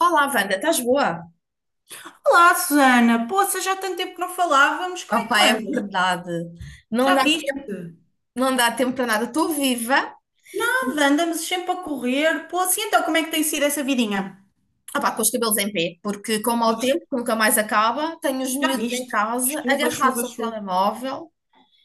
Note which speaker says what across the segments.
Speaker 1: Olá, Wanda, estás boa?
Speaker 2: Olá, Susana. Poça, já há tanto tempo que não falávamos. Como é que
Speaker 1: Opá,
Speaker 2: tu
Speaker 1: é
Speaker 2: andas?
Speaker 1: verdade. Não
Speaker 2: Já
Speaker 1: dá,
Speaker 2: viste?
Speaker 1: não dá tempo para nada. Estou viva,
Speaker 2: Nada, andamos sempre a correr. Poça, e então como é que tem sido essa vidinha?
Speaker 1: opá, com os cabelos em pé, porque com o mau
Speaker 2: Pois,
Speaker 1: tempo, que nunca mais acaba, tenho os
Speaker 2: já
Speaker 1: miúdos em
Speaker 2: viste?
Speaker 1: casa,
Speaker 2: Chuva,
Speaker 1: agarrados
Speaker 2: chuva,
Speaker 1: ao
Speaker 2: chuva.
Speaker 1: telemóvel,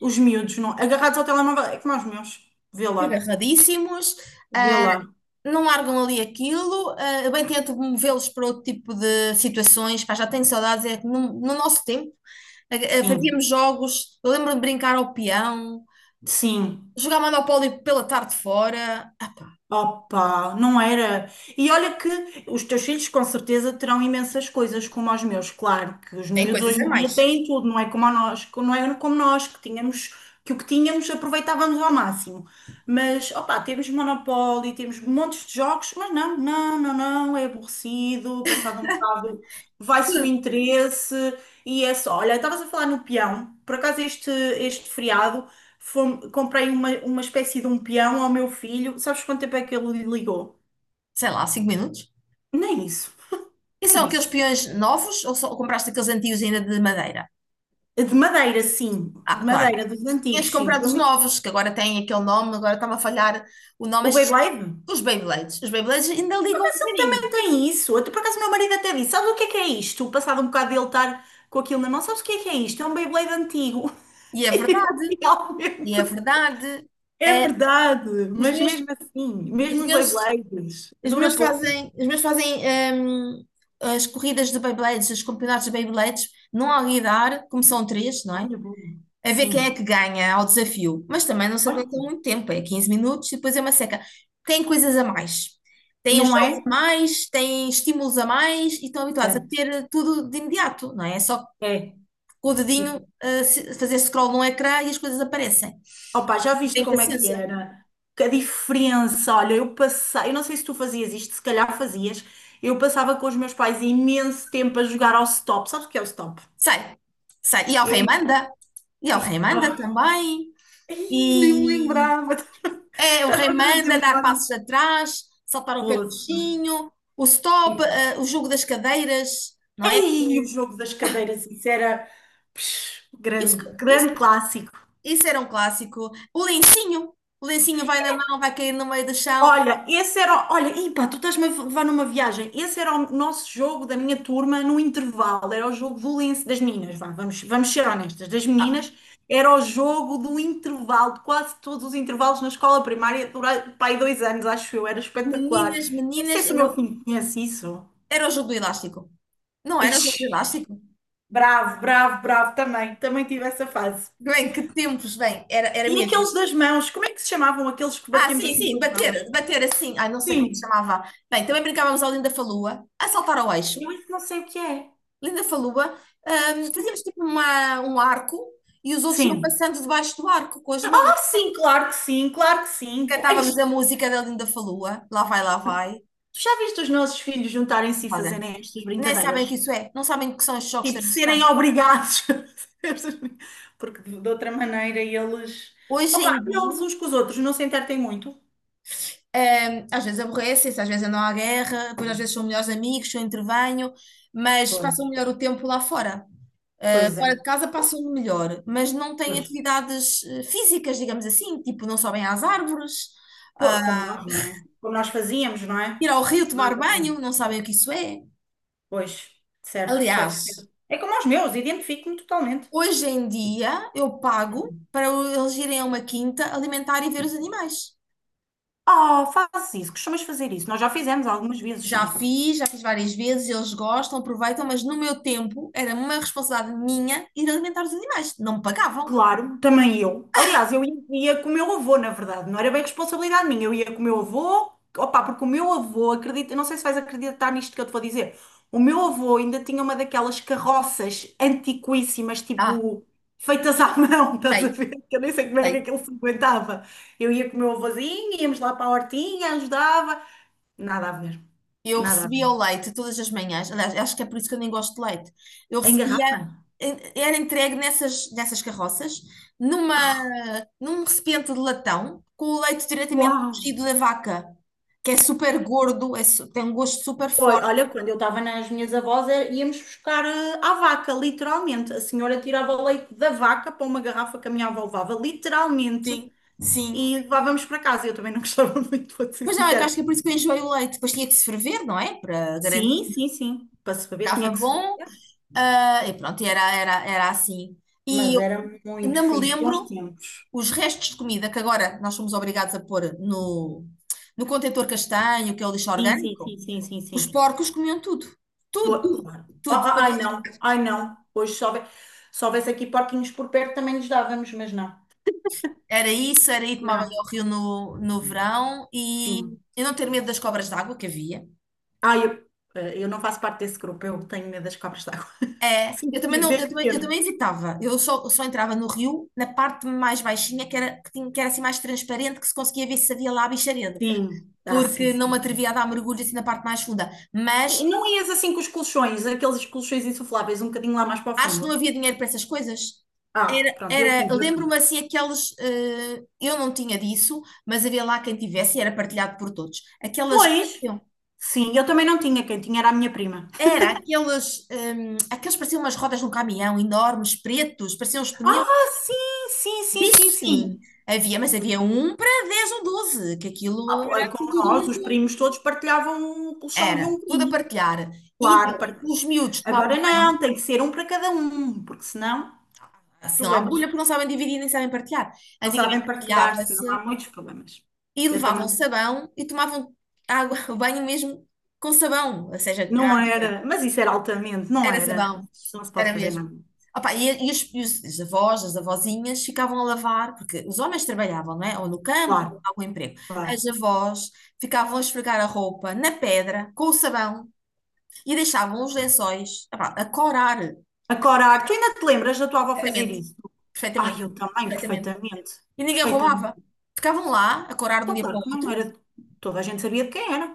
Speaker 2: Os miúdos, não. Agarrados ao telemóvel, é como aos meus. Vê lá,
Speaker 1: agarradíssimos,
Speaker 2: vê
Speaker 1: ah,
Speaker 2: lá.
Speaker 1: não largam ali aquilo. Eu bem tento movê-los para outro tipo de situações, pá, já tenho saudades. É que no nosso tempo, ah,
Speaker 2: Sim,
Speaker 1: fazíamos jogos, eu lembro-me de brincar ao peão,
Speaker 2: sim.
Speaker 1: jogar Monopólio pela tarde fora. Ah, pá,
Speaker 2: Opa, não era. E olha que os teus filhos com certeza terão imensas coisas como os meus, claro, que os
Speaker 1: tem
Speaker 2: miúdos
Speaker 1: coisas
Speaker 2: hoje
Speaker 1: a
Speaker 2: em dia
Speaker 1: mais.
Speaker 2: têm tudo, não é como a nós, que não é como nós, que tínhamos, que o que tínhamos aproveitávamos ao máximo. Mas, opa, temos Monopoly, temos montes de jogos, mas não, é aborrecido, passado um bocado vai-se o interesse e é só. Olha, estavas a falar no peão, por acaso este feriado. Comprei uma espécie de um peão ao meu filho. Sabes quanto tempo é que ele lhe ligou?
Speaker 1: Sei lá, 5 minutos.
Speaker 2: Nem isso.
Speaker 1: E são
Speaker 2: Nem
Speaker 1: aqueles
Speaker 2: isso.
Speaker 1: peões novos ou, só, ou compraste aqueles antigos ainda de madeira?
Speaker 2: De madeira, sim. De
Speaker 1: Ah, claro.
Speaker 2: madeira, dos
Speaker 1: Este
Speaker 2: antigos, sim.
Speaker 1: comprado os novos, que agora têm aquele nome, agora está-me a falhar o nome.
Speaker 2: O
Speaker 1: Estes,
Speaker 2: Beyblade?
Speaker 1: os Beyblades. Os Beyblades ainda ligam um
Speaker 2: Mas ele também
Speaker 1: bocadinho.
Speaker 2: tem isso. Até por acaso, meu marido até disse: "Sabes o que é isto?" Passado um bocado de ele estar com aquilo na mão, sabes o que é isto? É um Beyblade antigo.
Speaker 1: E é verdade.
Speaker 2: E eu,
Speaker 1: E é
Speaker 2: realmente.
Speaker 1: verdade.
Speaker 2: É
Speaker 1: É,
Speaker 2: verdade,
Speaker 1: os
Speaker 2: mas
Speaker 1: meus,
Speaker 2: mesmo assim,
Speaker 1: os
Speaker 2: mesmo os
Speaker 1: meus,
Speaker 2: Beyblades, dura pouco.
Speaker 1: os meus fazem hum, as corridas de Beyblades, os campeonatos de Beyblades, não há lidar, como são três, não é?
Speaker 2: Olha, bom.
Speaker 1: A ver quem é
Speaker 2: Sim.
Speaker 1: que ganha ao desafio, mas também não se
Speaker 2: Olha,
Speaker 1: aguenta
Speaker 2: aqui.
Speaker 1: muito tempo, é 15 minutos e depois é uma seca. Tem coisas a mais, tem
Speaker 2: Não
Speaker 1: jogos
Speaker 2: é?
Speaker 1: a mais, tem estímulos a mais e estão habituados a
Speaker 2: Certo.
Speaker 1: ter tudo de imediato, não é? É só
Speaker 2: É.
Speaker 1: com o dedinho, fazer scroll no ecrã e as coisas aparecem.
Speaker 2: Opa, já viste
Speaker 1: Tem
Speaker 2: como é que
Speaker 1: paciência.
Speaker 2: era? Que a diferença, olha, eu passei, eu não sei se tu fazias isto, se calhar fazias, eu passava com os meus pais imenso tempo a jogar ao stop. Sabes o que é o stop?
Speaker 1: Sai, sai. E ao rei
Speaker 2: Eu,
Speaker 1: manda, e ao
Speaker 2: eu-
Speaker 1: rei manda
Speaker 2: oh,
Speaker 1: também.
Speaker 2: ai, nem me
Speaker 1: E
Speaker 2: lembrava.
Speaker 1: é, o rei
Speaker 2: Estás-me a trazer
Speaker 1: manda dar
Speaker 2: memórias.
Speaker 1: passos atrás, saltar o pé
Speaker 2: Poça.
Speaker 1: coxinho, o stop,
Speaker 2: E-
Speaker 1: o jogo das cadeiras. Não é?
Speaker 2: ei, o jogo das cadeiras, isso era psh,
Speaker 1: Isso,
Speaker 2: grande,
Speaker 1: isso,
Speaker 2: grande clássico.
Speaker 1: isso era um clássico. O lencinho vai na mão, vai cair no meio do chão.
Speaker 2: Olha, esse era. Olha, Ipa, tu estás-me a levar numa viagem. Esse era o nosso jogo da minha turma no intervalo. Era o jogo valeense das meninas. Vá, vamos ser honestas. Das
Speaker 1: Ah,
Speaker 2: meninas, era o jogo do intervalo, de quase todos os intervalos na escola primária, durante pá, aí 2 anos, acho eu. Era espetacular.
Speaker 1: meninas,
Speaker 2: Nem
Speaker 1: meninas,
Speaker 2: sei se o
Speaker 1: era,
Speaker 2: meu filho conhece isso.
Speaker 1: era o jogo do elástico. Não era o jogo do
Speaker 2: Ixi,
Speaker 1: elástico?
Speaker 2: bravo. Também tive essa fase.
Speaker 1: Bem, que tempos, bem, era
Speaker 2: E
Speaker 1: mesmo.
Speaker 2: aqueles das mãos, como é que se chamavam aqueles que
Speaker 1: Ah,
Speaker 2: batíamos
Speaker 1: sim,
Speaker 2: assim
Speaker 1: sim,
Speaker 2: com as
Speaker 1: bater,
Speaker 2: mãos?
Speaker 1: bater assim. Ai, não sei como é que se
Speaker 2: Sim,
Speaker 1: chamava. Bem, também brincávamos ao Linda Falua, a saltar ao eixo.
Speaker 2: eu isso não sei o que é.
Speaker 1: Linda Falua, fazíamos tipo uma, um arco e os outros iam
Speaker 2: Sim.
Speaker 1: passando debaixo do arco com as mãos.
Speaker 2: Sim, claro que sim. Pô, ai,
Speaker 1: Cantávamos a música da Linda Falua, lá vai, lá vai.
Speaker 2: tu já viste os nossos filhos juntarem-se e fazerem estas
Speaker 1: Nem sabem o que
Speaker 2: brincadeiras?
Speaker 1: isso é, não sabem o que são os choques
Speaker 2: Tipo, serem
Speaker 1: tradicionais.
Speaker 2: obrigados. Porque de outra maneira eles.
Speaker 1: Hoje
Speaker 2: Opa,
Speaker 1: em dia,
Speaker 2: eles uns com os outros, não se entretêm muito.
Speaker 1: às vezes aborrecem-se, às vezes andam à guerra, depois às vezes são melhores amigos, eu intervenho, mas passam
Speaker 2: Pois,
Speaker 1: melhor o tempo lá fora.
Speaker 2: pois é,
Speaker 1: Fora de casa passam melhor, mas não têm
Speaker 2: pois.
Speaker 1: atividades físicas, digamos assim, tipo não sobem às árvores, ah,
Speaker 2: Pô, como nós, não é? Como nós fazíamos, não é?
Speaker 1: ir ao rio tomar banho, não sabem o que isso é.
Speaker 2: Pois, certo,
Speaker 1: Aliás,
Speaker 2: certo, certo. É como os meus, identifico-me totalmente.
Speaker 1: hoje em dia eu pago
Speaker 2: Uhum.
Speaker 1: para eles irem a uma quinta alimentar e ver os animais.
Speaker 2: Oh, fazes isso, costumas fazer isso. Nós já fizemos algumas vezes, sim.
Speaker 1: Já fiz várias vezes, eles gostam, aproveitam, mas no meu tempo era uma responsabilidade minha ir alimentar os animais. Não me pagavam.
Speaker 2: Claro, também eu. Aliás, eu ia com o meu avô, na verdade, não era bem responsabilidade minha, eu ia com o meu avô, opá, porque o meu avô, acredita, não sei se vais acreditar nisto que eu te vou dizer, o meu avô ainda tinha uma daquelas carroças antiquíssimas,
Speaker 1: Ah,
Speaker 2: tipo, feitas à mão, estás a
Speaker 1: sei,
Speaker 2: ver? Que eu nem sei como é que
Speaker 1: sei.
Speaker 2: aquilo se aguentava. Eu ia com o meu avôzinho, íamos lá para a hortinha, ajudava, nada a ver,
Speaker 1: Eu
Speaker 2: nada a ver.
Speaker 1: recebia o leite todas as manhãs, aliás, acho que é por isso que eu nem gosto de leite. Eu
Speaker 2: Em
Speaker 1: recebia,
Speaker 2: garrafa?
Speaker 1: era entregue nessas carroças, numa, num recipiente de latão, com o leite diretamente
Speaker 2: Uau!
Speaker 1: cozido da vaca, que é super gordo, é su- tem um gosto super
Speaker 2: Oi,
Speaker 1: forte.
Speaker 2: olha, quando eu estava nas minhas avós, é- íamos buscar à vaca, literalmente. A senhora tirava o leite da vaca para uma garrafa que a minha avó levava, literalmente,
Speaker 1: Sim, sim.
Speaker 2: e levávamos para casa. Eu também não gostava muito, vou ser
Speaker 1: Mas não, é que
Speaker 2: sincera.
Speaker 1: acho que é por isso que eu enjoei o leite. Depois tinha que se ferver, não é? Para garantir
Speaker 2: Sim,
Speaker 1: que
Speaker 2: sim, sim. Para se beber
Speaker 1: ficava
Speaker 2: tinha que se
Speaker 1: bom.
Speaker 2: beber,
Speaker 1: Ah, e pronto, era assim. E
Speaker 2: mas
Speaker 1: eu
Speaker 2: era muito
Speaker 1: ainda me
Speaker 2: fixe, bons
Speaker 1: lembro
Speaker 2: tempos.
Speaker 1: os restos de comida que agora nós somos obrigados a pôr no contentor castanho, que é o lixo
Speaker 2: Sim, sim,
Speaker 1: orgânico.
Speaker 2: sim, sim, sim,
Speaker 1: Os
Speaker 2: sim.
Speaker 1: porcos comiam tudo. Tudo,
Speaker 2: Pô, claro. Ah,
Speaker 1: tudo.
Speaker 2: ah, ai não, ai não. Hoje se houve- se houvesse aqui porquinhos por perto também nos dávamos, mas não.
Speaker 1: Era isso, era ir tomar
Speaker 2: Não,
Speaker 1: banho ao rio no verão e
Speaker 2: sim.
Speaker 1: eu não ter medo das cobras d'água que havia.
Speaker 2: Ah, eu, eu não faço parte desse grupo, eu tenho medo das cobras d'água.
Speaker 1: É,
Speaker 2: Sim,
Speaker 1: eu também não,
Speaker 2: desde
Speaker 1: eu também
Speaker 2: pequena.
Speaker 1: evitava. Eu só entrava no rio na parte mais baixinha, que era, que tinha, que era assim mais transparente, que se conseguia ver se havia lá bicharedo,
Speaker 2: Sim, ah, sim,
Speaker 1: porque não
Speaker 2: sim,
Speaker 1: me
Speaker 2: sim.
Speaker 1: atrevia a dar mergulho assim na parte mais funda. Mas
Speaker 2: E não ias assim com os colchões, aqueles colchões insufláveis, um bocadinho lá mais para o
Speaker 1: acho que não
Speaker 2: fundo?
Speaker 1: havia dinheiro para essas coisas.
Speaker 2: Ah,
Speaker 1: Era,
Speaker 2: pronto, eu
Speaker 1: era,
Speaker 2: tive, eu
Speaker 1: lembro-me
Speaker 2: tive.
Speaker 1: assim aquelas, eu não tinha disso, mas havia lá quem tivesse e era partilhado por todos. Aquelas,
Speaker 2: Pois, sim, eu também não tinha, quem tinha era a minha prima.
Speaker 1: era aquelas, aqueles pareciam umas rodas de um caminhão enormes, pretos, pareciam os pneus.
Speaker 2: Ah, sim, sim, sim,
Speaker 1: Disso
Speaker 2: sim,
Speaker 1: sim,
Speaker 2: sim.
Speaker 1: havia, mas havia um para 10 ou 12 que
Speaker 2: Ah,
Speaker 1: aquilo
Speaker 2: pô,
Speaker 1: era
Speaker 2: é
Speaker 1: assim
Speaker 2: como
Speaker 1: tudo
Speaker 2: nós, os
Speaker 1: muito.
Speaker 2: primos todos partilhavam o colchão de
Speaker 1: Era,
Speaker 2: um
Speaker 1: tudo a
Speaker 2: primo.
Speaker 1: partilhar. E então,
Speaker 2: Claro, par-
Speaker 1: os miúdos tomavam
Speaker 2: agora não,
Speaker 1: banho,
Speaker 2: tem que ser um para cada um, porque senão,
Speaker 1: senão à
Speaker 2: problemas.
Speaker 1: bolha, porque não sabem dividir nem sabem partilhar.
Speaker 2: Não sabem
Speaker 1: Antigamente
Speaker 2: partilhar-se, não
Speaker 1: partilhava-se
Speaker 2: há muitos problemas.
Speaker 1: e
Speaker 2: Eu também
Speaker 1: levavam sabão e tomavam água, o banho mesmo com sabão, ou seja,
Speaker 2: não era, mas isso era altamente, não
Speaker 1: era
Speaker 2: era.
Speaker 1: sabão,
Speaker 2: Não se pode
Speaker 1: era
Speaker 2: fazer
Speaker 1: mesmo.
Speaker 2: nada.
Speaker 1: Opa, e os avós, as avózinhas ficavam a lavar, porque os homens trabalhavam, não é? Ou no campo, ou em
Speaker 2: Claro,
Speaker 1: algum emprego.
Speaker 2: claro.
Speaker 1: As avós ficavam a esfregar a roupa na pedra, com o sabão, e deixavam os lençóis, opá, a corar.
Speaker 2: Acorar, tu ainda te lembras da tua avó fazer
Speaker 1: Perfeitamente,
Speaker 2: isso? Ai,
Speaker 1: perfeitamente,
Speaker 2: eu também,
Speaker 1: perfeitamente.
Speaker 2: perfeitamente.
Speaker 1: E ninguém roubava.
Speaker 2: Perfeitamente.
Speaker 1: Ficavam lá, a corar de um
Speaker 2: Então,
Speaker 1: dia para
Speaker 2: claro
Speaker 1: o
Speaker 2: que não
Speaker 1: outro.
Speaker 2: era. Toda a gente sabia de quem era,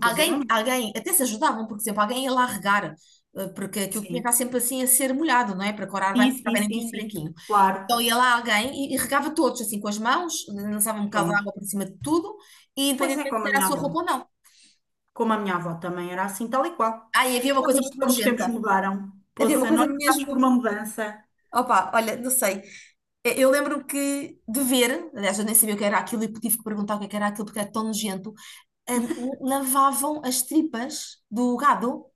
Speaker 1: Alguém, alguém, até se ajudavam, por exemplo, alguém ia lá regar, porque aquilo tinha que estar
Speaker 2: Sim,
Speaker 1: sempre assim a ser molhado, não é? Para corar bem,
Speaker 2: sim,
Speaker 1: porque ficar
Speaker 2: sim, sim,
Speaker 1: branquinho,
Speaker 2: sim.
Speaker 1: branquinho.
Speaker 2: Claro,
Speaker 1: Então ia lá alguém e regava todos, assim, com as mãos, lançava um bocado de água
Speaker 2: pronto.
Speaker 1: por cima de tudo, e
Speaker 2: Pois é,
Speaker 1: independentemente
Speaker 2: como
Speaker 1: se
Speaker 2: a
Speaker 1: era a
Speaker 2: minha
Speaker 1: sua
Speaker 2: avó.
Speaker 1: roupa ou não.
Speaker 2: Como a minha avó também era assim, tal e qual.
Speaker 1: Ah, e havia uma
Speaker 2: Já
Speaker 1: coisa muito
Speaker 2: viste como os tempos
Speaker 1: nojenta.
Speaker 2: mudaram?
Speaker 1: Havia uma
Speaker 2: Poça,
Speaker 1: coisa
Speaker 2: nós passámos
Speaker 1: mesmo.
Speaker 2: por uma mudança.
Speaker 1: Opa, olha, não sei. Eu lembro-me que de ver, aliás, eu nem sabia o que era aquilo e tive que perguntar o que é que era aquilo porque era tão nojento. eh, Lavavam as tripas do gado.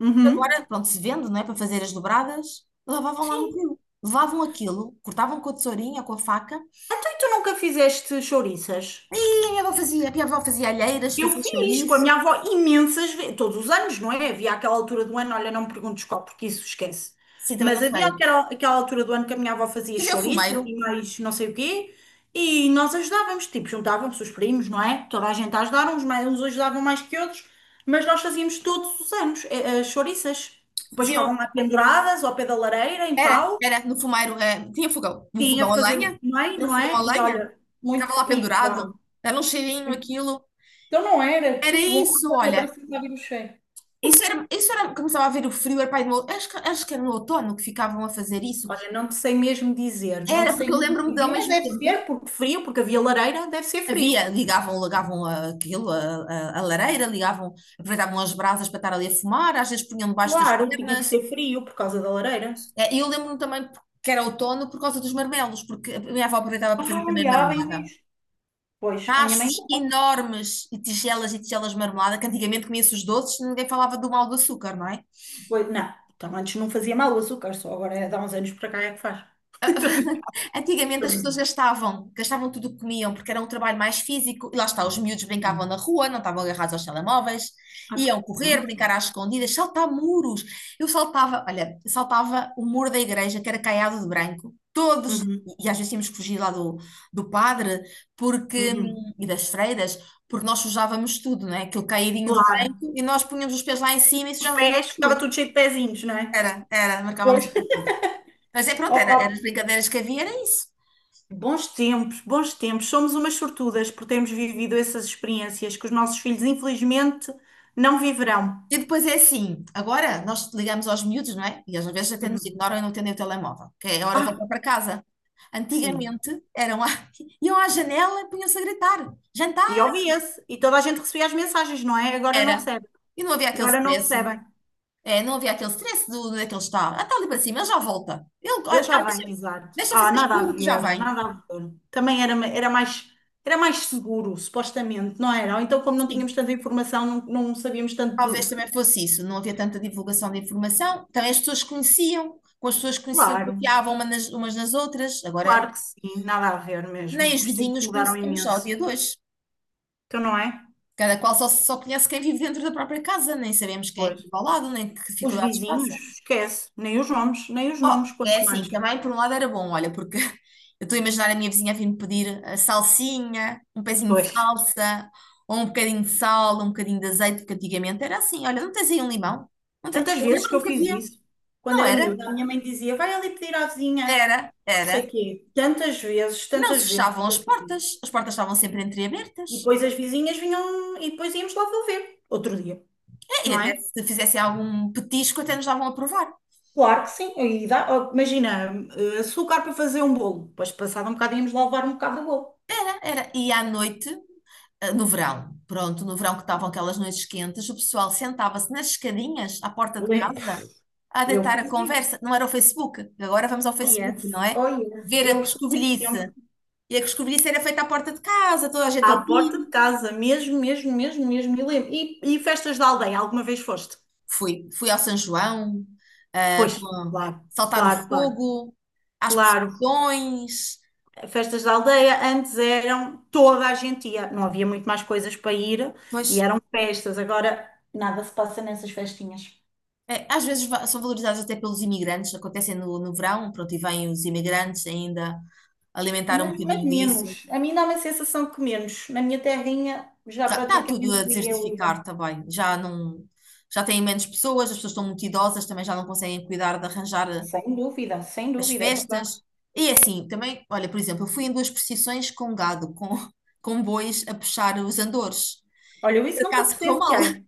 Speaker 2: Uhum.
Speaker 1: Agora, pronto, se vende, não é? Para fazer as dobradas, lavavam lá no
Speaker 2: Sim,
Speaker 1: rio. Levavam aquilo, cortavam com a tesourinha, com a faca,
Speaker 2: então, e tu nunca fizeste chouriças?
Speaker 1: e a minha avó fazia, a minha avó fazia alheiras,
Speaker 2: Eu
Speaker 1: fazia
Speaker 2: fiz com a
Speaker 1: chouriço.
Speaker 2: minha avó imensas vezes, todos os anos, não é? Havia aquela altura do ano, olha, não me perguntes qual, porque isso esquece.
Speaker 1: Sim, também não
Speaker 2: Mas havia
Speaker 1: sei.
Speaker 2: aquela, aquela altura do ano que a minha avó fazia
Speaker 1: Fazia o
Speaker 2: chouriças
Speaker 1: fumeiro.
Speaker 2: e mais não sei o quê, e nós ajudávamos, tipo, juntavam-se os primos, não é? Toda a gente a ajudar, uns, mais, uns ajudavam mais que outros, mas nós fazíamos todos os anos as chouriças. Depois
Speaker 1: Faziam.
Speaker 2: ficavam lá penduradas ao pé da lareira, em
Speaker 1: Era,
Speaker 2: pau,
Speaker 1: era, no fumeiro, tinha fogão. Um
Speaker 2: tinha a
Speaker 1: fogão a
Speaker 2: fazer o
Speaker 1: lenha.
Speaker 2: meio,
Speaker 1: Era um
Speaker 2: não
Speaker 1: fogão a
Speaker 2: é? E
Speaker 1: lenha.
Speaker 2: olha, muito.
Speaker 1: Ficava lá
Speaker 2: E pá.
Speaker 1: pendurado. Dava um cheirinho, aquilo.
Speaker 2: Então não era, que
Speaker 1: Era
Speaker 2: bom,
Speaker 1: isso,
Speaker 2: olha,
Speaker 1: olha.
Speaker 2: parece que estava o cheiro.
Speaker 1: Isso era, começava a ver o frio, era pai do meu, acho que era no outono que ficavam a fazer isso.
Speaker 2: Olha, não te sei mesmo dizer, não te
Speaker 1: Era, porque
Speaker 2: sei
Speaker 1: eu
Speaker 2: mesmo
Speaker 1: lembro-me de, ao
Speaker 2: dizer, mas
Speaker 1: mesmo
Speaker 2: deve
Speaker 1: tempo,
Speaker 2: ser porque frio, porque havia lareira, deve ser frio.
Speaker 1: havia, ligavam aquilo, a lareira, ligavam, aproveitavam as brasas para estar ali a fumar, às vezes punham debaixo das
Speaker 2: Claro, tinha que
Speaker 1: pernas.
Speaker 2: ser frio por causa da lareira.
Speaker 1: E eu lembro-me também que era outono por causa dos marmelos, porque a minha avó aproveitava para fazer
Speaker 2: Ah,
Speaker 1: também
Speaker 2: olha, bem
Speaker 1: marmelada.
Speaker 2: visto. Pois, a minha mãe
Speaker 1: Tachos
Speaker 2: não faz.
Speaker 1: enormes e tigelas de marmelada, que antigamente comia-se os doces, ninguém falava do mal do açúcar, não é?
Speaker 2: Pois, não, então antes não fazia mal o açúcar, só agora é de há uns anos para cá é que faz. Tô brincando,
Speaker 1: Antigamente
Speaker 2: tô
Speaker 1: as pessoas
Speaker 2: brincando.
Speaker 1: gastavam, gastavam tudo o que comiam, porque era um trabalho mais físico, e lá está, os miúdos brincavam na rua, não estavam agarrados aos telemóveis,
Speaker 2: Ah,
Speaker 1: iam
Speaker 2: pá,
Speaker 1: correr, brincar
Speaker 2: pronto.
Speaker 1: às escondidas, saltar muros. Eu saltava, olha, saltava o muro da igreja, que era caiado de branco, todos,
Speaker 2: Uhum,
Speaker 1: e às vezes tínhamos que fugir lá do, padre, porque,
Speaker 2: uhum.
Speaker 1: e das freiras, porque nós sujávamos tudo, não é? Aquele caidinho de
Speaker 2: Claro.
Speaker 1: branco, e nós punhamos os pés lá em cima e
Speaker 2: Os
Speaker 1: sujávamos
Speaker 2: pés, ficava
Speaker 1: tudo.
Speaker 2: tudo cheio de pezinhos, não é?
Speaker 1: Marcávamos
Speaker 2: Pois.
Speaker 1: tudo. Mas é pronto, era
Speaker 2: Opa,
Speaker 1: as brincadeiras que havia, era isso.
Speaker 2: bons tempos Somos umas sortudas por termos vivido essas experiências que os nossos filhos, infelizmente, não viverão.
Speaker 1: E depois é assim, agora nós ligamos aos miúdos, não é? E eles às vezes até nos
Speaker 2: Uhum.
Speaker 1: ignoram e não atendem o telemóvel, que é a hora de
Speaker 2: Ah,
Speaker 1: voltar para casa.
Speaker 2: sim.
Speaker 1: Antigamente eram à... iam à janela e punham-se a gritar.
Speaker 2: E
Speaker 1: Jantar
Speaker 2: ouvia-se. E toda a gente recebia as mensagens, não é? Agora não
Speaker 1: era.
Speaker 2: recebe.
Speaker 1: E não havia aquele
Speaker 2: Agora não
Speaker 1: stress.
Speaker 2: recebem.
Speaker 1: É, não havia aquele stress do, onde é que ele está. Ah, está ali para cima, ele já volta. Ele,
Speaker 2: Eles já
Speaker 1: deixa,
Speaker 2: vêm, exato.
Speaker 1: deixa
Speaker 2: Ah,
Speaker 1: fazer
Speaker 2: nada a
Speaker 1: escuro que já
Speaker 2: ver,
Speaker 1: vem.
Speaker 2: nada a ver. Também era, era mais seguro, supostamente, não era? Ou então, como não
Speaker 1: Sim,
Speaker 2: tínhamos tanta informação, não, não sabíamos tanto
Speaker 1: talvez
Speaker 2: tudo.
Speaker 1: também fosse isso. Não havia tanta divulgação de informação. Também as pessoas conheciam, com as pessoas que conheciam,
Speaker 2: Claro,
Speaker 1: confiavam uma umas nas outras. Agora
Speaker 2: claro que sim, nada a ver
Speaker 1: nem
Speaker 2: mesmo.
Speaker 1: os
Speaker 2: Os tempos
Speaker 1: vizinhos
Speaker 2: mudaram
Speaker 1: conhecemos só ao
Speaker 2: imenso.
Speaker 1: dia de hoje.
Speaker 2: Então, não é?
Speaker 1: Cada qual só conhece quem vive dentro da própria casa, nem sabemos quem é
Speaker 2: Pois.
Speaker 1: que vive ao lado, nem que
Speaker 2: Os
Speaker 1: dificuldades
Speaker 2: vizinhos,
Speaker 1: passa.
Speaker 2: esquece, nem os nomes, nem os
Speaker 1: Oh,
Speaker 2: nomes,
Speaker 1: é
Speaker 2: quanto mais.
Speaker 1: assim, também por um lado era bom, olha, porque eu estou a imaginar a minha vizinha a vir-me pedir a salsinha, um pezinho de
Speaker 2: Foi.
Speaker 1: salsa, ou um bocadinho de sal, um bocadinho de azeite, porque antigamente era assim, olha, não tens aí um limão? Não tem.
Speaker 2: Tantas
Speaker 1: Eu
Speaker 2: vezes que eu
Speaker 1: lembro-me que
Speaker 2: fiz
Speaker 1: havia.
Speaker 2: isso, quando
Speaker 1: Não
Speaker 2: era
Speaker 1: era,
Speaker 2: miúda, a minha mãe dizia, vai ali pedir à vizinha,
Speaker 1: era,
Speaker 2: não sei
Speaker 1: era.
Speaker 2: quê. Tantas vezes,
Speaker 1: Não
Speaker 2: tantas
Speaker 1: se
Speaker 2: vezes que
Speaker 1: fechavam
Speaker 2: eu fiz isso.
Speaker 1: as portas estavam sempre
Speaker 2: E
Speaker 1: entreabertas.
Speaker 2: depois as vizinhas vinham, e depois íamos lá devolver, outro dia,
Speaker 1: É, e
Speaker 2: não
Speaker 1: até
Speaker 2: é?
Speaker 1: se fizessem algum petisco, até nos davam a provar.
Speaker 2: Claro que sim, e dá, ó, imagina, açúcar para fazer um bolo, depois passado um bocado íamos lá levar um bocado de bolo.
Speaker 1: Era, e à noite, no verão, pronto, no verão que estavam aquelas noites quentes, o pessoal sentava-se nas escadinhas à porta de casa a
Speaker 2: Eu
Speaker 1: deitar a
Speaker 2: fazia isso.
Speaker 1: conversa. Não era o Facebook, agora vamos ao
Speaker 2: Oh
Speaker 1: Facebook, não
Speaker 2: yes,
Speaker 1: é?
Speaker 2: oh yes,
Speaker 1: Ver a
Speaker 2: eu sou desse tempo.
Speaker 1: coscovilhice. E a coscovilhice era feita à porta de casa, toda a gente
Speaker 2: À porta de
Speaker 1: ali.
Speaker 2: casa, mesmo, mesmo, mesmo, mesmo. E, festas da aldeia, alguma vez foste?
Speaker 1: Fui, fui ao São João, ah,
Speaker 2: Foste,
Speaker 1: com-
Speaker 2: claro,
Speaker 1: saltar o
Speaker 2: claro, claro,
Speaker 1: fogo, às
Speaker 2: claro.
Speaker 1: procissões.
Speaker 2: Festas da aldeia antes eram toda a gente ia, não havia muito mais coisas para ir e
Speaker 1: Pois
Speaker 2: eram festas. Agora nada se passa nessas festinhas.
Speaker 1: é, às vezes são valorizados até pelos imigrantes, acontecem no verão, pronto, e vêm os imigrantes ainda alimentar um
Speaker 2: Mas
Speaker 1: bocadinho isso.
Speaker 2: menos. A mim dá uma sensação que menos. Na minha terrinha já
Speaker 1: Está tudo
Speaker 2: praticamente
Speaker 1: a
Speaker 2: ninguém
Speaker 1: desertificar
Speaker 2: liga.
Speaker 1: também, já não, já têm menos pessoas, as pessoas estão muito idosas, também já não conseguem cuidar de arranjar
Speaker 2: Sem dúvida, sem
Speaker 1: as
Speaker 2: dúvida, é verdade.
Speaker 1: festas. E assim, também, olha, por exemplo, eu fui em duas procissões com gado, com, com bois a puxar os andores.
Speaker 2: Olha, eu
Speaker 1: Por
Speaker 2: isso nunca
Speaker 1: acaso correu mal,
Speaker 2: presenciei.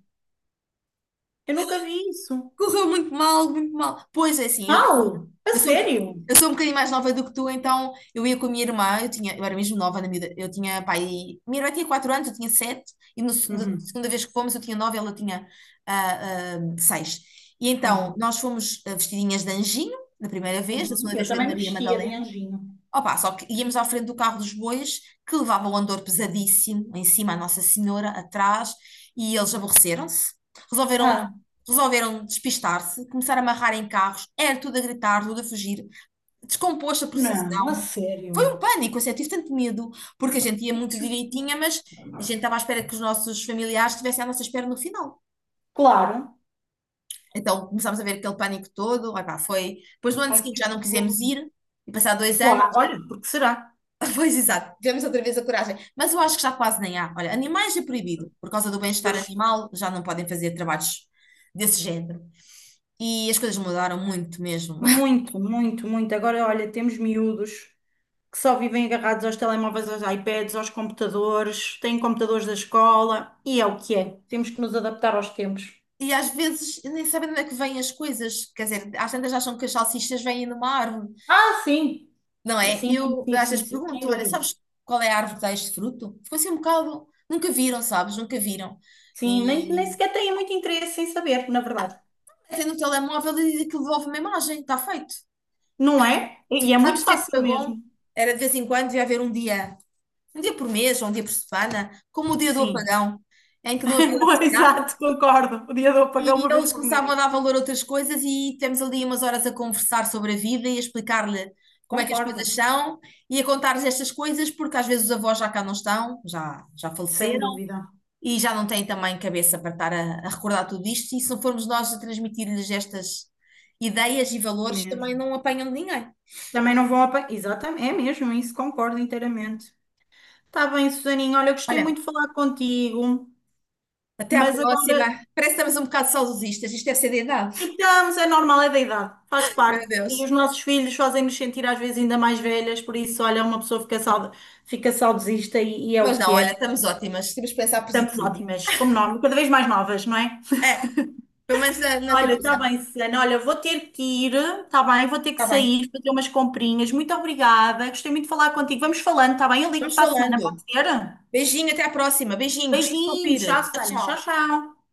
Speaker 2: Eu nunca vi isso.
Speaker 1: correu muito mal, muito mal. Pois é, assim,
Speaker 2: Mal? A
Speaker 1: eu sou, um-
Speaker 2: sério?
Speaker 1: eu sou um bocadinho mais nova do que tu, então eu ia com a minha irmã, eu tinha, eu era mesmo nova na miúda, eu tinha, pai, minha irmã tinha 4 anos, eu tinha 7. Da
Speaker 2: Uhum,
Speaker 1: segunda vez que fomos eu tinha 9, ela tinha 6. E então
Speaker 2: uhum,
Speaker 1: nós fomos vestidinhas de anjinho, da primeira vez, da segunda
Speaker 2: uhum. Eu
Speaker 1: vez foi de
Speaker 2: também
Speaker 1: Maria
Speaker 2: mexia de
Speaker 1: Madalena.
Speaker 2: anjinho.
Speaker 1: Opa, só que íamos à frente do carro dos bois, que levava o andor pesadíssimo, em cima a Nossa Senhora, atrás, e eles aborreceram-se, resolveram,
Speaker 2: Ah,
Speaker 1: resolveram despistar-se, começaram a amarrar em carros, era tudo a gritar, tudo a fugir, descomposto a
Speaker 2: não, a
Speaker 1: procissão. Foi
Speaker 2: sério.
Speaker 1: um pânico, assim, eu tive tanto medo, porque a gente ia
Speaker 2: Ai,
Speaker 1: muito
Speaker 2: que horror.
Speaker 1: direitinha, mas a gente estava à espera que os nossos familiares estivessem à nossa espera no final.
Speaker 2: Claro.
Speaker 1: Então começámos a ver aquele pânico todo, opá, foi... Depois no ano
Speaker 2: Ai,
Speaker 1: seguinte
Speaker 2: que
Speaker 1: já não
Speaker 2: horror.
Speaker 1: quisemos ir, e passar 2 anos.
Speaker 2: Claro, olha, porque será?
Speaker 1: Pois, exato, tivemos outra vez a coragem. Mas eu acho que já quase nem há. Olha, animais é proibido. Por causa do bem-estar
Speaker 2: Pois,
Speaker 1: animal, já não podem fazer trabalhos desse género. E as coisas mudaram muito mesmo.
Speaker 2: muito, muito, muito. Agora, olha, temos miúdos que só vivem agarrados aos telemóveis, aos iPads, aos computadores, têm computadores da escola, e é o que é. Temos que nos adaptar aos tempos.
Speaker 1: E às vezes nem sabem de onde é que vêm as coisas. Quer dizer, às tantas acham que as salsichas vêm numa árvore,
Speaker 2: Ah, sim.
Speaker 1: não
Speaker 2: Sim,
Speaker 1: é?
Speaker 2: sim,
Speaker 1: Eu
Speaker 2: sim,
Speaker 1: às
Speaker 2: sim,
Speaker 1: vezes
Speaker 2: sim, sem
Speaker 1: pergunto: olha,
Speaker 2: dúvida.
Speaker 1: sabes qual é a árvore que dá este fruto? Ficou assim um bocado. Nunca viram, sabes? Nunca viram.
Speaker 2: Sim, nem
Speaker 1: E
Speaker 2: sequer têm muito interesse em saber, na verdade.
Speaker 1: até no telemóvel e aquilo devolve uma imagem, está feito.
Speaker 2: Não é? E é muito
Speaker 1: Sabes o que é que
Speaker 2: fácil
Speaker 1: foi bom?
Speaker 2: mesmo.
Speaker 1: Era de vez em quando ia haver um dia por mês, ou um dia por semana, como o dia do
Speaker 2: Sim.
Speaker 1: apagão, em que não havia
Speaker 2: Boa,
Speaker 1: eletricidade,
Speaker 2: exato, concordo. Podia eu pagar
Speaker 1: e
Speaker 2: uma vez
Speaker 1: eles
Speaker 2: por mim.
Speaker 1: começavam a dar valor a outras coisas e tivemos ali umas horas a conversar sobre a vida e a explicar-lhe como é que as
Speaker 2: Concordo,
Speaker 1: coisas são e a contar-lhes estas coisas, porque às vezes os avós já cá não estão, já, já
Speaker 2: sem
Speaker 1: faleceram
Speaker 2: dúvida,
Speaker 1: e já não têm também cabeça para estar a recordar tudo isto, e se não formos nós a transmitir-lhes estas ideias e valores, também
Speaker 2: mesmo.
Speaker 1: não apanham de ninguém.
Speaker 2: Também não vão apagar. Exatamente, é mesmo, isso concordo inteiramente. Está bem, Susaninha, olha, gostei
Speaker 1: Olha,
Speaker 2: muito de falar contigo,
Speaker 1: até à
Speaker 2: mas
Speaker 1: próxima.
Speaker 2: agora.
Speaker 1: Parece que estamos um bocado saudosistas, isto deve ser de idade.
Speaker 2: Então, mas é normal, é da idade, faz
Speaker 1: Meu
Speaker 2: parte. E
Speaker 1: Deus.
Speaker 2: os nossos filhos fazem-nos sentir às vezes ainda mais velhas, por isso, olha, uma pessoa fica, sauda, fica saudosista e é o
Speaker 1: Mas não,
Speaker 2: que é.
Speaker 1: olha, estamos ótimas, temos que pensar
Speaker 2: Estamos
Speaker 1: positivo.
Speaker 2: ótimas, como nós, cada vez mais novas, não é?
Speaker 1: É, pelo menos na
Speaker 2: Olha, está
Speaker 1: cabeça.
Speaker 2: bem, Susana. Olha, vou ter que ir, está bem? Vou ter que
Speaker 1: Está bem.
Speaker 2: sair, fazer umas comprinhas. Muito obrigada. Gostei muito de falar contigo. Vamos falando, está bem? Eu ligo
Speaker 1: Vamos
Speaker 2: para a semana, pode
Speaker 1: falando.
Speaker 2: ser?
Speaker 1: Beijinho, até à próxima. Beijinhos,
Speaker 2: Beijinhos.
Speaker 1: ouvir.
Speaker 2: Tchau,
Speaker 1: Tchau,
Speaker 2: Susana. Tchau,
Speaker 1: tchau.
Speaker 2: tchau.